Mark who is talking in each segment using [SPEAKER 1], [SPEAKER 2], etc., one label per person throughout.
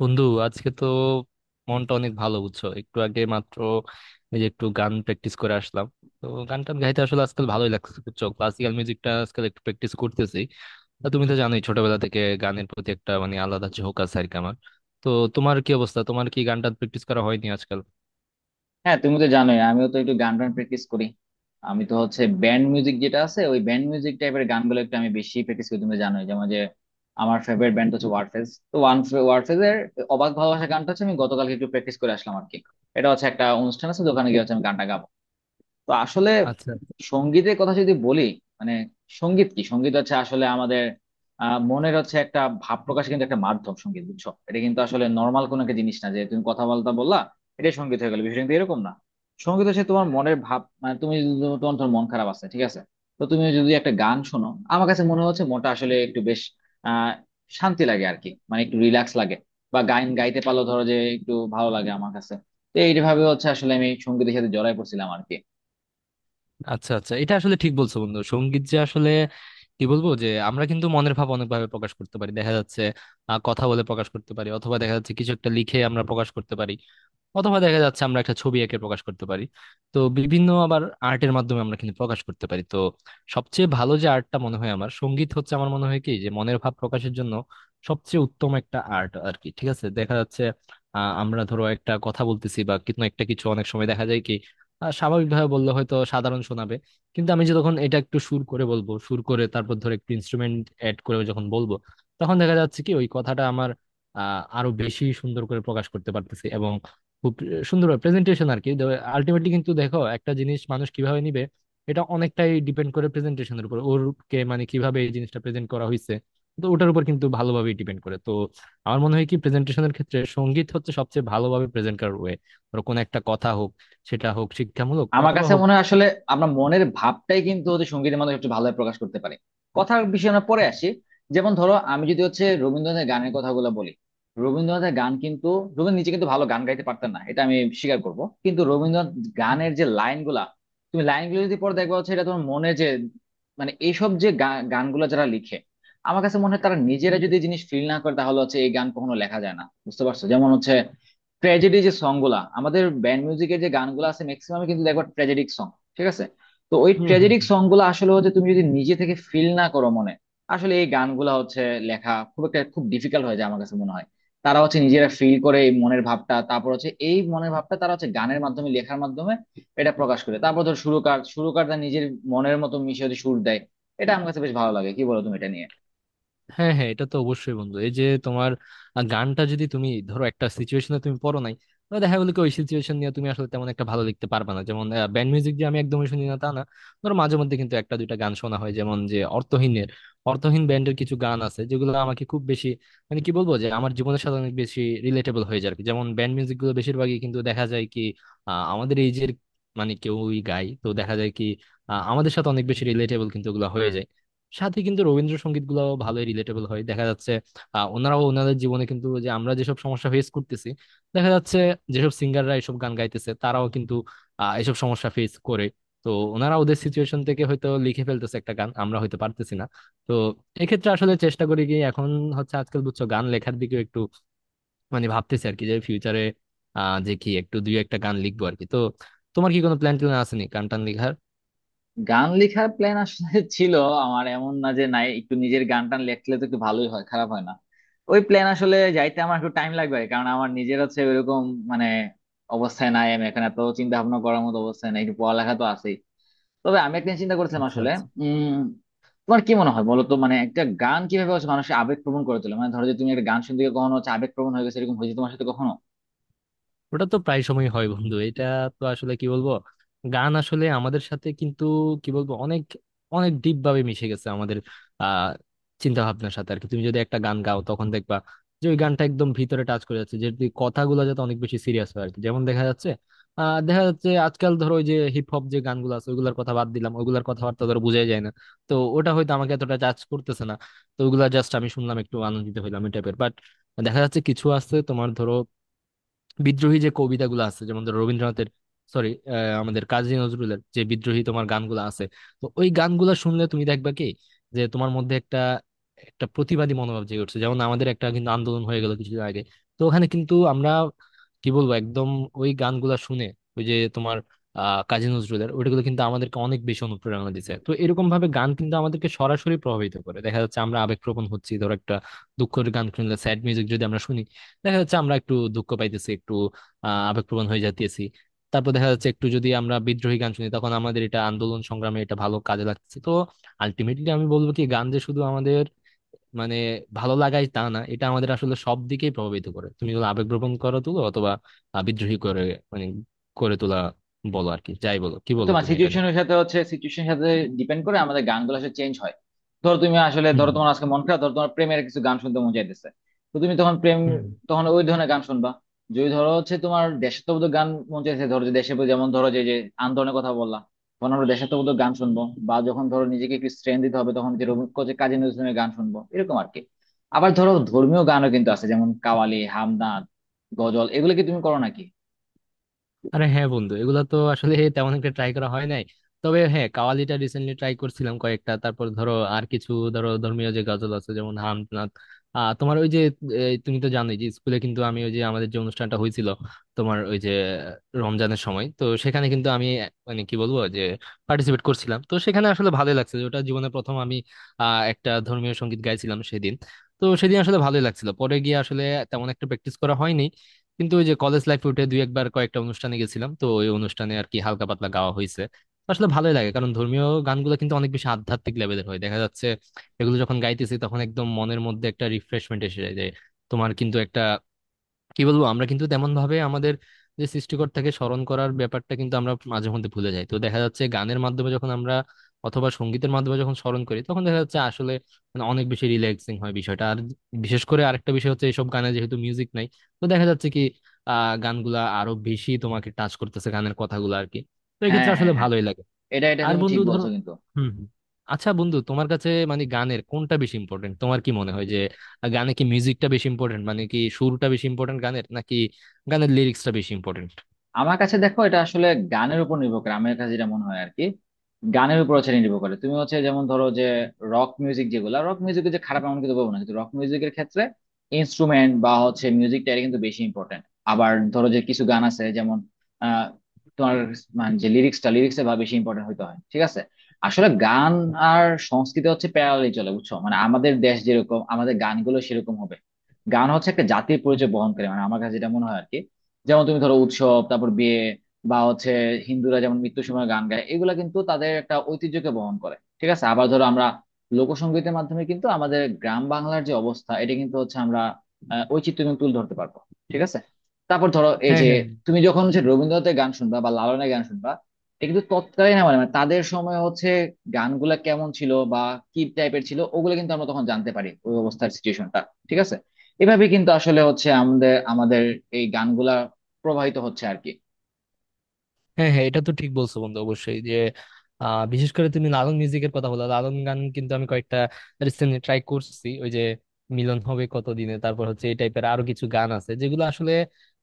[SPEAKER 1] বন্ধু, আজকে তো মনটা অনেক ভালো, বুঝছো? একটু আগে মাত্র এই যে একটু গান প্র্যাকটিস করে আসলাম। তো গান টান গাইতে আসলে আজকাল ভালোই লাগছে, বুঝছো। ক্লাসিক্যাল মিউজিকটা আজকাল একটু প্র্যাকটিস করতেছি। তা তুমি তো জানোই, ছোটবেলা থেকে গানের প্রতি একটা মানে আলাদা ঝোঁক আছে আর কি আমার। তো তোমার কি অবস্থা? তোমার কি গানটা প্র্যাকটিস করা হয়নি আজকাল?
[SPEAKER 2] হ্যাঁ, তুমি তো জানোই আমিও তো একটু গান টান প্র্যাকটিস করি। আমি তো হচ্ছে ব্যান্ড মিউজিক যেটা আছে ওই ব্যান্ড মিউজিক টাইপের গানগুলো একটু আমি বেশি প্র্যাকটিস করি। তুমি তো জানোই, যেমন যে আমার ফেভারিট ব্যান্ড হচ্ছে ওয়ারফেজ। তো ওয়ান ওয়ারফেজ এর অবাক ভালোবাসা গানটা হচ্ছে আমি গতকালকে একটু প্র্যাকটিস করে আসলাম আর কি। এটা হচ্ছে একটা অনুষ্ঠান আছে, তো ওখানে গিয়ে হচ্ছে আমি গানটা গাবো। তো আসলে
[SPEAKER 1] আচ্ছা
[SPEAKER 2] সঙ্গীতের কথা যদি বলি, মানে সঙ্গীত কি? সঙ্গীত হচ্ছে আসলে আমাদের মনের হচ্ছে একটা ভাব প্রকাশ কিন্তু একটা মাধ্যম সঙ্গীত, বুঝছো? এটা কিন্তু আসলে নর্মাল কোনো একটা জিনিস না যে তুমি কথা বলতে বললা এটা সঙ্গীত হয়ে গেল। বিষয়টা কিন্তু এরকম না। সঙ্গীত হচ্ছে তোমার মনের ভাব। মানে তুমি যদি তোমার তোমার ধর মন খারাপ আছে, ঠিক আছে? তো তুমি যদি একটা গান শোনো, আমার কাছে মনে হচ্ছে মনটা আসলে একটু বেশ আহ শান্তি লাগে আর কি। মানে একটু রিল্যাক্স লাগে, বা গান গাইতে পারলো ধরো যে একটু ভালো লাগে আমার কাছে। তো এইভাবে হচ্ছে আসলে আমি সঙ্গীতের সাথে জড়াই পড়ছিলাম আর কি।
[SPEAKER 1] আচ্ছা আচ্ছা, এটা আসলে ঠিক বলছো বন্ধু। সঙ্গীত যে আসলে কি বলবো, যে আমরা কিন্তু মনের ভাব অনেকভাবে প্রকাশ করতে পারি। দেখা যাচ্ছে কথা বলে প্রকাশ করতে পারি, অথবা দেখা যাচ্ছে কিছু একটা লিখে আমরা প্রকাশ করতে পারি, অথবা দেখা যাচ্ছে আমরা একটা ছবি এঁকে প্রকাশ করতে পারি। তো বিভিন্ন আবার আর্টের মাধ্যমে আমরা কিন্তু প্রকাশ করতে পারি। তো সবচেয়ে ভালো যে আর্টটা মনে হয় আমার, সঙ্গীত হচ্ছে। আমার মনে হয় কি, যে মনের ভাব প্রকাশের জন্য সবচেয়ে উত্তম একটা আর্ট আর কি। ঠিক আছে, দেখা যাচ্ছে আমরা ধরো একটা কথা বলতেছি বা কিন্তু একটা কিছু, অনেক সময় দেখা যায় কি স্বাভাবিকভাবে বললে হয়তো সাধারণ শোনাবে, কিন্তু আমি যে তখন এটা একটু সুর করে বলবো, সুর করে তারপর ধরো একটু ইনস্ট্রুমেন্ট অ্যাড করে যখন বলবো, তখন দেখা যাচ্ছে কি ওই কথাটা আমার আরো বেশি সুন্দর করে প্রকাশ করতে পারতেছি। খুব সুন্দরভাবে প্রেজেন্টেশন আর কি। আলটিমেটলি কিন্তু দেখো, একটা জিনিস মানুষ কিভাবে নিবে এটা অনেকটাই ডিপেন্ড করে প্রেজেন্টেশনের উপর। ওরকে মানে কিভাবে এই জিনিসটা প্রেজেন্ট করা হয়েছে, তো ওটার উপর কিন্তু ভালোভাবে ডিপেন্ড করে। তো আমার মনে হয় কি, প্রেজেন্টেশনের ক্ষেত্রে সঙ্গীত হচ্ছে সবচেয়ে ভালোভাবে প্রেজেন্ট করার ওয়ে। ধরো কোনো একটা কথা হোক, সেটা হোক শিক্ষামূলক
[SPEAKER 2] আমার
[SPEAKER 1] অথবা
[SPEAKER 2] কাছে
[SPEAKER 1] হোক।
[SPEAKER 2] মনে হয় আসলে আমরা মনের ভাবটাই কিন্তু হচ্ছে সঙ্গীতের মাধ্যমে একটু ভালোভাবে প্রকাশ করতে পারি। কথার বিষয়ে আমরা পরে আসি। যেমন ধরো, আমি যদি হচ্ছে রবীন্দ্রনাথের গানের কথাগুলো বলি, রবীন্দ্রনাথের গান কিন্তু, রবীন্দ্র নিজে কিন্তু ভালো গান গাইতে পারতেন না, এটা আমি স্বীকার করব, কিন্তু রবীন্দ্রনাথ
[SPEAKER 1] হুম
[SPEAKER 2] গানের যে লাইনগুলা, তুমি লাইনগুলো যদি পরে দেখবা হচ্ছে এটা তোমার মনে যে, মানে এইসব যে গানগুলো যারা লিখে, আমার কাছে মনে হয় তারা নিজেরা যদি এই জিনিস ফিল না করে তাহলে হচ্ছে এই গান কখনো লেখা যায় না, বুঝতে পারছো? যেমন হচ্ছে ট্র্যাজেডি যে সং গুলা, আমাদের ব্যান্ড মিউজিকের যে গানগুলো আছে ম্যাক্সিমাম কিন্তু দেখো ট্র্যাজেডিক সং, ঠিক আছে? তো ওই
[SPEAKER 1] হুম হুম
[SPEAKER 2] ট্র্যাজেডিক সং গুলো আসলে হচ্ছে তুমি যদি নিজে থেকে ফিল না করো মনে, আসলে এই গানগুলা হচ্ছে লেখা খুব একটা খুব ডিফিকাল্ট হয়ে যায় আমার কাছে মনে হয়। তারা হচ্ছে নিজেরা ফিল করে এই মনের ভাবটা, তারপর হচ্ছে এই মনের ভাবটা তারা হচ্ছে গানের মাধ্যমে, লেখার মাধ্যমে এটা প্রকাশ করে। তারপর ধর সুরকার সুরকার তার নিজের মনের মতো মিশে হচ্ছে সুর দেয়। এটা আমার কাছে বেশ ভালো লাগে। কি বলো তুমি এটা নিয়ে?
[SPEAKER 1] হ্যাঁ হ্যাঁ, এটা তো অবশ্যই বন্ধু। এই যে তোমার গানটা যদি তুমি ধরো একটা সিচুয়েশনে তুমি পড়ো নাই, তাহলে দেখা গেলো কি ওই সিচুয়েশন নিয়ে তুমি আসলে তেমন একটা ভালো লিখতে পারবে না। যেমন ব্যান্ড মিউজিক যে আমি একদমই শুনি না তা না, ধরো মাঝে মধ্যে কিন্তু একটা দুইটা গান শোনা হয়, যেমন যে অর্থহীনের, অর্থহীন ব্যান্ডের কিছু গান আছে যেগুলো আমাকে খুব বেশি মানে কি বলবো, যে আমার জীবনের সাথে অনেক বেশি রিলেটেবল হয়ে যায় আর কি। যেমন ব্যান্ড মিউজিক গুলো বেশিরভাগই কিন্তু দেখা যায় কি আমাদের এই যে মানে কেউই গায়, তো দেখা যায় কি আমাদের সাথে অনেক বেশি রিলেটেবল কিন্তু ওগুলো হয়ে যায়। সাথে কিন্তু রবীন্দ্রসঙ্গীত গুলাও ভালোই রিলেটেবল হয়, দেখা যাচ্ছে ওনারাও ওনাদের জীবনে কিন্তু যে আমরা যেসব সমস্যা ফেস করতেছি, দেখা যাচ্ছে যেসব সিঙ্গাররা এসব গান গাইতেছে তারাও কিন্তু এসব সমস্যা ফেস করে। তো ওনারা ওদের সিচুয়েশন থেকে হয়তো লিখে ফেলতেছে একটা গান, আমরা হয়তো পারতেছি না। তো এক্ষেত্রে আসলে চেষ্টা করি কি, এখন হচ্ছে আজকাল, বুঝছো, গান লেখার দিকে একটু মানে ভাবতেছি আর কি, যে ফিউচারে যে কি একটু দুই একটা গান লিখবো আর কি। তো তোমার কি কোনো প্ল্যান ট্যান আছে নি গান টান লেখার?
[SPEAKER 2] গান লেখার প্ল্যান আসলে ছিল। আমার এমন না যে নাই, একটু নিজের গান টান লেখলে তো একটু ভালোই হয়, খারাপ হয় না। ওই প্ল্যান আসলে যাইতে আমার একটু টাইম লাগবে, কারণ আমার নিজের হচ্ছে ওইরকম মানে অবস্থায় নাই। আমি এখন এত চিন্তা ভাবনা করার মতো অবস্থায় নাই, একটু পড়ালেখা তো আছেই। তবে আমি একটা জিনিস চিন্তা করছিলাম
[SPEAKER 1] আচ্ছা
[SPEAKER 2] আসলে।
[SPEAKER 1] আচ্ছা
[SPEAKER 2] উম তোমার কি মনে হয় বলো তো, মানে একটা গান কিভাবে হচ্ছে মানুষের আবেগ প্রবণ করে তোলে? মানে ধরো যে তুমি একটা গান শুনতে গিয়ে কখনো হচ্ছে আবেগ প্রবণ হয়ে গেছে, এরকম হয়েছে তোমার সাথে কখনো?
[SPEAKER 1] ওটা তো প্রায় সময় হয় বন্ধু, এটা। তো আসলে কি বলবো, গান আসলে আমাদের সাথে কিন্তু কি বলবো অনেক অনেক ডিপ ভাবে মিশে গেছে আমাদের আহ চিন্তা ভাবনার সাথে আর কি। তুমি যদি একটা গান গাও তখন দেখবা যে ওই গানটা একদম ভিতরে টাচ করে যাচ্ছে, যদি কথাগুলো যাতে অনেক বেশি সিরিয়াস হয় আর কি। যেমন দেখা যাচ্ছে দেখা যাচ্ছে আজকাল ধরো ওই যে হিপ হপ যে গানগুলো আছে, ওইগুলোর কথা বাদ দিলাম, ওইগুলোর কথাবার্তা ধরো বোঝাই যায় না। তো ওটা হয়তো আমাকে এতটা টাচ করতেছে না। তো ওগুলা জাস্ট আমি শুনলাম, একটু আনন্দিত হইলাম, এই টাইপের। বাট দেখা যাচ্ছে কিছু আছে তোমার, ধরো বিদ্রোহী যে কবিতাগুলো আছে, যেমন ধরো রবীন্দ্রনাথের, সরি, আমাদের কাজী নজরুলের যে বিদ্রোহী তোমার গানগুলো আছে, তো ওই গানগুলো শুনলে তুমি দেখবা কি, যে তোমার মধ্যে একটা একটা প্রতিবাদী মনোভাব জেগে উঠছে। যেমন আমাদের একটা কিন্তু আন্দোলন হয়ে গেল কিছুদিন আগে, তো ওখানে কিন্তু আমরা কি বলবো একদম ওই গানগুলা শুনে, ওই যে তোমার কাজী নজরুলের ওইগুলো কিন্তু আমাদেরকে অনেক বেশি অনুপ্রেরণা দিচ্ছে। তো এরকম ভাবে গান কিন্তু আমাদেরকে সরাসরি প্রভাবিত করে। দেখা যাচ্ছে আমরা আবেগপ্রবণ হচ্ছি, ধরো একটা দুঃখের গান শুনলে, স্যাড মিউজিক যদি আমরা শুনি, দেখা যাচ্ছে আমরা একটু দুঃখ পাইতেছি, একটু আবেগপ্রবণ হয়ে যাইতেছি। তারপর দেখা যাচ্ছে একটু যদি আমরা বিদ্রোহী গান শুনি, তখন আমাদের এটা আন্দোলন সংগ্রামে এটা ভালো কাজে লাগছে। তো আলটিমেটলি আমি বলবো কি, গান যে শুধু আমাদের মানে ভালো লাগাই তা না, এটা আমাদের আসলে সব দিকেই প্রভাবিত করে। তুমি যদি আবেগপ্রবণ করে তুলো অথবা বিদ্রোহী করে মানে করে তোলা বলো আর কি, যাই বলো। কি বলো
[SPEAKER 2] তোমার
[SPEAKER 1] তুমি এটা নিয়ে?
[SPEAKER 2] সিচুয়েশনের সাথে হচ্ছে সিচুয়েশনের সাথে ডিপেন্ড করে আমাদের গানগুলো আসলে চেঞ্জ হয়। ধরো তুমি আসলে,
[SPEAKER 1] হুম,
[SPEAKER 2] ধরো তোমার আজকে মন খারাপ, ধরো তোমার প্রেমের কিছু গান শুনতে মন চাইতেছে, তো তুমি তখন প্রেম,
[SPEAKER 1] হুম।
[SPEAKER 2] তখন ওই ধরনের গান শুনবা। যদি ধরো হচ্ছে তোমার দেশাত্মবোধক গান মন চাইছে, ধরো যে দেশে, যেমন ধরো যে যে আন্দোলনের কথা বললা, তখন আমরা দেশাত্মবোধক গান শুনবো। বা যখন ধরো নিজেকে একটু স্ট্রেন দিতে হবে, তখন যে কোচে কাজী নজরুল ইসলামের গান শুনবো, এরকম আর কি। আবার ধরো ধর্মীয় গানও কিন্তু আছে, যেমন কাওয়ালি, হামদর্দ, গজল, এগুলো কি তুমি করো নাকি?
[SPEAKER 1] আরে হ্যাঁ বন্ধু, এগুলা তো আসলে তেমন একটা ট্রাই করা হয় নাই। তবে হ্যাঁ, কাওয়ালিটা রিসেন্টলি ট্রাই করছিলাম কয়েকটা। তারপর ধরো আর কিছু ধরো ধর্মীয় যে গজল আছে, যেমন হামদনাথ তোমার ওই যে, এই তুমি তো জানোই যে স্কুলে কিন্তু আমি ওই যে আমাদের যে অনুষ্ঠানটা হয়েছিল, তোমার ওই যে রমজানের সময়, তো সেখানে কিন্তু আমি মানে কি বলবো যে পার্টিসিপেট করছিলাম। তো সেখানে আসলে ভালোই লাগছে যে ওটা জীবনে প্রথম আমি একটা ধর্মীয় সঙ্গীত গাইছিলাম সেদিন। তো সেদিন আসলে ভালোই লাগছিল। পরে গিয়ে আসলে তেমন একটা প্র্যাকটিস করা হয়নি, কিন্তু ওই যে কলেজ লাইফে উঠে দুই একবার কয়েকটা অনুষ্ঠানে গেছিলাম, তো ওই অনুষ্ঠানে আর কি হালকা পাতলা গাওয়া হয়েছে। আসলে ভালোই লাগে, কারণ ধর্মীয় গানগুলো কিন্তু অনেক বেশি আধ্যাত্মিক লেভেলের হয়, দেখা যাচ্ছে এগুলো যখন গাইতেছি তখন একদম মনের মধ্যে একটা রিফ্রেশমেন্ট এসে যায়। যে তোমার কিন্তু একটা কি বলবো, আমরা কিন্তু তেমন ভাবে আমাদের যে সৃষ্টিকর্তাকে স্মরণ করার ব্যাপারটা কিন্তু আমরা মাঝে মধ্যে ভুলে যাই। তো দেখা যাচ্ছে গানের মাধ্যমে যখন আমরা অথবা সঙ্গীতের মাধ্যমে যখন স্মরণ করি, তখন দেখা যাচ্ছে আসলে মানে অনেক বেশি রিল্যাক্সিং হয় বিষয়টা। আর বিশেষ করে আরেকটা বিষয় হচ্ছে, এইসব গানে যেহেতু মিউজিক নাই, তো দেখা যাচ্ছে কি গানগুলা আরো বেশি তোমাকে টাচ করতেছে, গানের কথাগুলো আর কি। তো
[SPEAKER 2] হ্যাঁ,
[SPEAKER 1] এক্ষেত্রে
[SPEAKER 2] হ্যাঁ,
[SPEAKER 1] আসলে
[SPEAKER 2] হ্যাঁ,
[SPEAKER 1] ভালোই লাগে।
[SPEAKER 2] এটা এটা
[SPEAKER 1] আর
[SPEAKER 2] তুমি
[SPEAKER 1] বন্ধু
[SPEAKER 2] ঠিক
[SPEAKER 1] ধরো,
[SPEAKER 2] বলছো কিন্তু।
[SPEAKER 1] হুম হুম। আচ্ছা বন্ধু, তোমার কাছে মানে গানের কোনটা বেশি ইম্পর্টেন্ট? তোমার কি মনে হয় যে গানে কি মিউজিকটা বেশি ইম্পর্টেন্ট, মানে কি সুরটা বেশি ইম্পর্টেন্ট গানের, নাকি গানের লিরিক্সটা বেশি ইম্পর্টেন্ট?
[SPEAKER 2] আমার কাছে দেখো এটা আসলে গানের উপর নির্ভর করে, আমার কাছে যেটা মনে হয় আর কি। গানের উপর হচ্ছে নির্ভর করে, তুমি হচ্ছে যেমন ধরো যে রক মিউজিক, যেগুলো রক মিউজিক যে খারাপ এমন কিন্তু বলবো না, কিন্তু রক মিউজিকের ক্ষেত্রে ইনস্ট্রুমেন্ট বা হচ্ছে মিউজিকটা এটা কিন্তু বেশি ইম্পর্টেন্ট। আবার ধরো যে কিছু গান আছে যেমন আহ তোমার, মানে যে লিরিক্সে বা বেশি ইম্পর্টেন্ট হইতে হয়, ঠিক আছে? আসলে গান আর সংস্কৃতি হচ্ছে প্যারালালি চলে, বুঝছো? মানে আমাদের দেশ যেরকম, আমাদের গানগুলো সেরকম হবে। গান হচ্ছে একটা জাতির পরিচয় বহন করে, মানে আমার কাছে যেটা মনে হয় আর কি। যেমন তুমি ধরো উৎসব, তারপর বিয়ে, বা হচ্ছে হিন্দুরা যেমন মৃত্যুর সময় গান গায়, এগুলা কিন্তু তাদের একটা ঐতিহ্যকে বহন করে, ঠিক আছে? আবার ধরো আমরা লোকসঙ্গীতের মাধ্যমে কিন্তু আমাদের গ্রাম বাংলার যে অবস্থা এটা কিন্তু হচ্ছে আমরা ঐচিত্র্য কিন্তু তুলে ধরতে পারবো, ঠিক আছে? তারপর ধরো এই
[SPEAKER 1] হ্যাঁ
[SPEAKER 2] যে,
[SPEAKER 1] হ্যাঁ
[SPEAKER 2] তুমি যখন হচ্ছে রবীন্দ্রনাথের গান শুনবা বা লালনের গান শুনবা, এটা কিন্তু তৎকালীন আমার মানে তাদের সময় হচ্ছে গানগুলা কেমন ছিল বা কি টাইপের ছিল, ওগুলো কিন্তু আমরা তখন জানতে পারি, ওই অবস্থার সিচুয়েশনটা, ঠিক আছে? এভাবে কিন্তু আসলে হচ্ছে আমাদের আমাদের এই গানগুলা প্রবাহিত হচ্ছে আর কি।
[SPEAKER 1] হ্যাঁ, হ্যাঁ, এটা তো ঠিক বলছো বন্ধু, অবশ্যই যে বিশেষ করে তুমি লালন মিউজিকের কথা বলো, লালন গান কিন্তু আমি কয়েকটা রিসেন্টলি ট্রাই করছি, ওই যে মিলন হবে কতদিনে, তারপর হচ্ছে এই টাইপের আরো কিছু গান আছে যেগুলো আসলে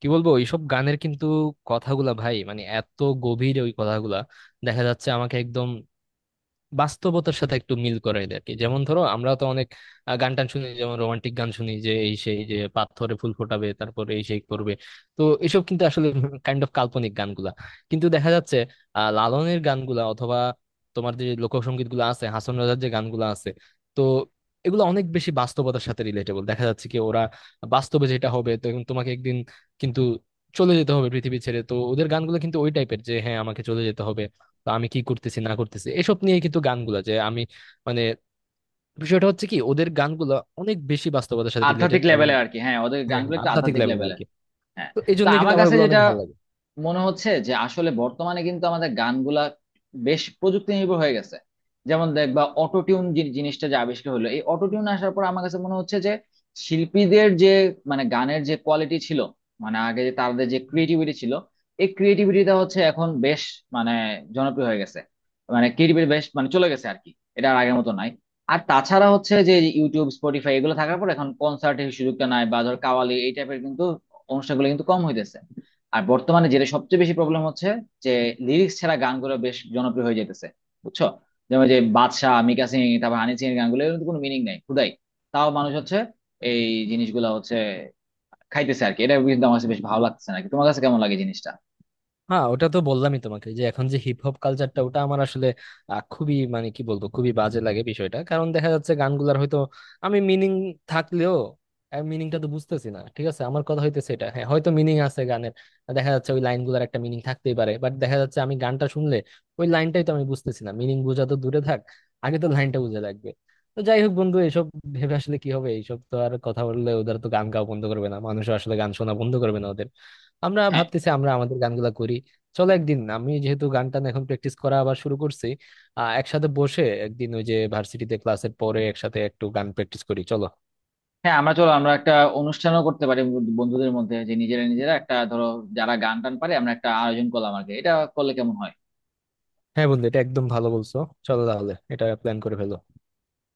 [SPEAKER 1] কি বলবো, এইসব গানের কিন্তু কথাগুলা ভাই মানে এত গভীর, ওই কথাগুলা দেখা যাচ্ছে আমাকে একদম বাস্তবতার সাথে একটু মিল করাই দেয় আর কি। যেমন ধরো আমরা তো অনেক গান টান শুনি, যেমন রোমান্টিক গান শুনি যে এই সেই, যে পাথরে ফুল ফোটাবে, তারপরে এই সেই করবে। তো এসব কিন্তু আসলে কাইন্ড অফ কাল্পনিক গানগুলা। কিন্তু দেখা যাচ্ছে লালনের গানগুলা অথবা তোমার যে লোকসঙ্গীত গুলো আছে, হাসন রাজার যে গানগুলো আছে, তো এগুলো অনেক বেশি বাস্তবতার সাথে রিলেটেবল। দেখা যাচ্ছে কি ওরা বাস্তবে যেটা হবে, তো এখন তোমাকে একদিন কিন্তু চলে যেতে হবে পৃথিবী ছেড়ে, তো ওদের গানগুলো কিন্তু ওই টাইপের, যে হ্যাঁ আমাকে চলে যেতে হবে, বা আমি কি করতেছি না করতেছি এসব নিয়ে কিন্তু গানগুলা। যে আমি মানে বিষয়টা হচ্ছে কি, ওদের গানগুলা অনেক বেশি বাস্তবতার সাথে
[SPEAKER 2] আধ্যাত্মিক
[SPEAKER 1] রিলেটেড এবং
[SPEAKER 2] লেভেলে আর কি, হ্যাঁ ওদের
[SPEAKER 1] হ্যাঁ
[SPEAKER 2] গানগুলো
[SPEAKER 1] হ্যাঁ
[SPEAKER 2] একটু
[SPEAKER 1] আধ্যাত্মিক
[SPEAKER 2] আধ্যাত্মিক
[SPEAKER 1] লেভেল আর
[SPEAKER 2] লেভেলে।
[SPEAKER 1] কি।
[SPEAKER 2] হ্যাঁ।
[SPEAKER 1] তো এই
[SPEAKER 2] তো
[SPEAKER 1] জন্য
[SPEAKER 2] আমার
[SPEAKER 1] কিন্তু আমার
[SPEAKER 2] কাছে
[SPEAKER 1] ওগুলো অনেক
[SPEAKER 2] যেটা
[SPEAKER 1] ভালো লাগে।
[SPEAKER 2] মনে হচ্ছে যে আসলে বর্তমানে কিন্তু আমাদের গানগুলা বেশ প্রযুক্তি নির্ভর হয়ে গেছে। যেমন দেখবা অটোটিউন জিনিসটা যে আবিষ্কার হলো, এই অটোটিউন আসার পর আমার কাছে মনে হচ্ছে যে শিল্পীদের যে, মানে গানের যে কোয়ালিটি ছিল, মানে আগে যে তাদের যে ক্রিয়েটিভিটি ছিল, এই ক্রিয়েটিভিটিটা হচ্ছে এখন বেশ মানে জনপ্রিয় হয়ে গেছে, মানে ক্রিয়েটিভিটি বেশ মানে চলে গেছে আর কি। এটা আর আগের মতো নাই। আর তাছাড়া হচ্ছে যে ইউটিউব, স্পটিফাই এগুলো থাকার পর এখন কনসার্টের সুযোগটা নাই, বা ধর কাওয়ালি এই টাইপের কিন্তু অনুষ্ঠানগুলো কিন্তু কম হইতেছে। আর বর্তমানে যেটা সবচেয়ে বেশি প্রবলেম হচ্ছে যে লিরিক্স ছাড়া গানগুলো বেশ জনপ্রিয় হয়ে যেতেছে, বুঝছো? যেমন যে বাদশা, মিকা সিং, তারপর হানি সিং এর গানগুলো, এগুলোর তো কোনো মিনিং নাই খুদাই। তাও মানুষ হচ্ছে এই জিনিসগুলো হচ্ছে খাইতেছে আর কি। এটা কিন্তু আমার কাছে বেশ ভালো লাগতেছে নাকি, তোমার কাছে কেমন লাগে জিনিসটা?
[SPEAKER 1] হ্যাঁ, ওটা তো বললামই তোমাকে, যে এখন যে হিপ হপ কালচারটা, ওটা আমার আসলে খুবই মানে কি বলবো, খুবই বাজে লাগে বিষয়টা। কারণ দেখা যাচ্ছে গানগুলার হয়তো আমি মিনিং থাকলেও মিনিংটা তো বুঝতেছি না। ঠিক আছে, আমার কথা হইতেছে এটা, হ্যাঁ হয়তো মিনিং আছে গানের, দেখা যাচ্ছে ওই লাইনগুলার একটা মিনিং থাকতেই পারে, বাট দেখা যাচ্ছে আমি গানটা শুনলে ওই লাইনটাই তো আমি বুঝতেছি না, মিনিং বোঝা তো দূরে থাক, আগে তো লাইনটা বুঝে লাগবে। তো যাই হোক বন্ধু, এসব ভেবে আসলে কি হবে, এইসব তো আর কথা বললে ওদের তো গান গাওয়া বন্ধ করবে না, মানুষ আসলে গান শোনা বন্ধ করবে না ওদের। আমরা
[SPEAKER 2] হ্যাঁ,
[SPEAKER 1] ভাবতেছি আমরা আমাদের গানগুলা করি। চলো একদিন, আমি যেহেতু গান টান এখন প্র্যাকটিস করা আবার শুরু করছি, একসাথে বসে একদিন ওই যে ভার্সিটিতে ক্লাসের পরে একসাথে একটু গান প্র্যাকটিস করি চলো।
[SPEAKER 2] হ্যাঁ, আমরা চলো আমরা একটা অনুষ্ঠানও করতে পারি, বন্ধুদের মধ্যে, যে নিজেরা নিজেরা একটা ধরো যারা গান টান পারে আমরা একটা আয়োজন করলাম আর কি, এটা করলে কেমন হয়?
[SPEAKER 1] হ্যাঁ বন্ধু, এটা একদম ভালো বলছো। চলো তাহলে এটা প্ল্যান করে ফেলো।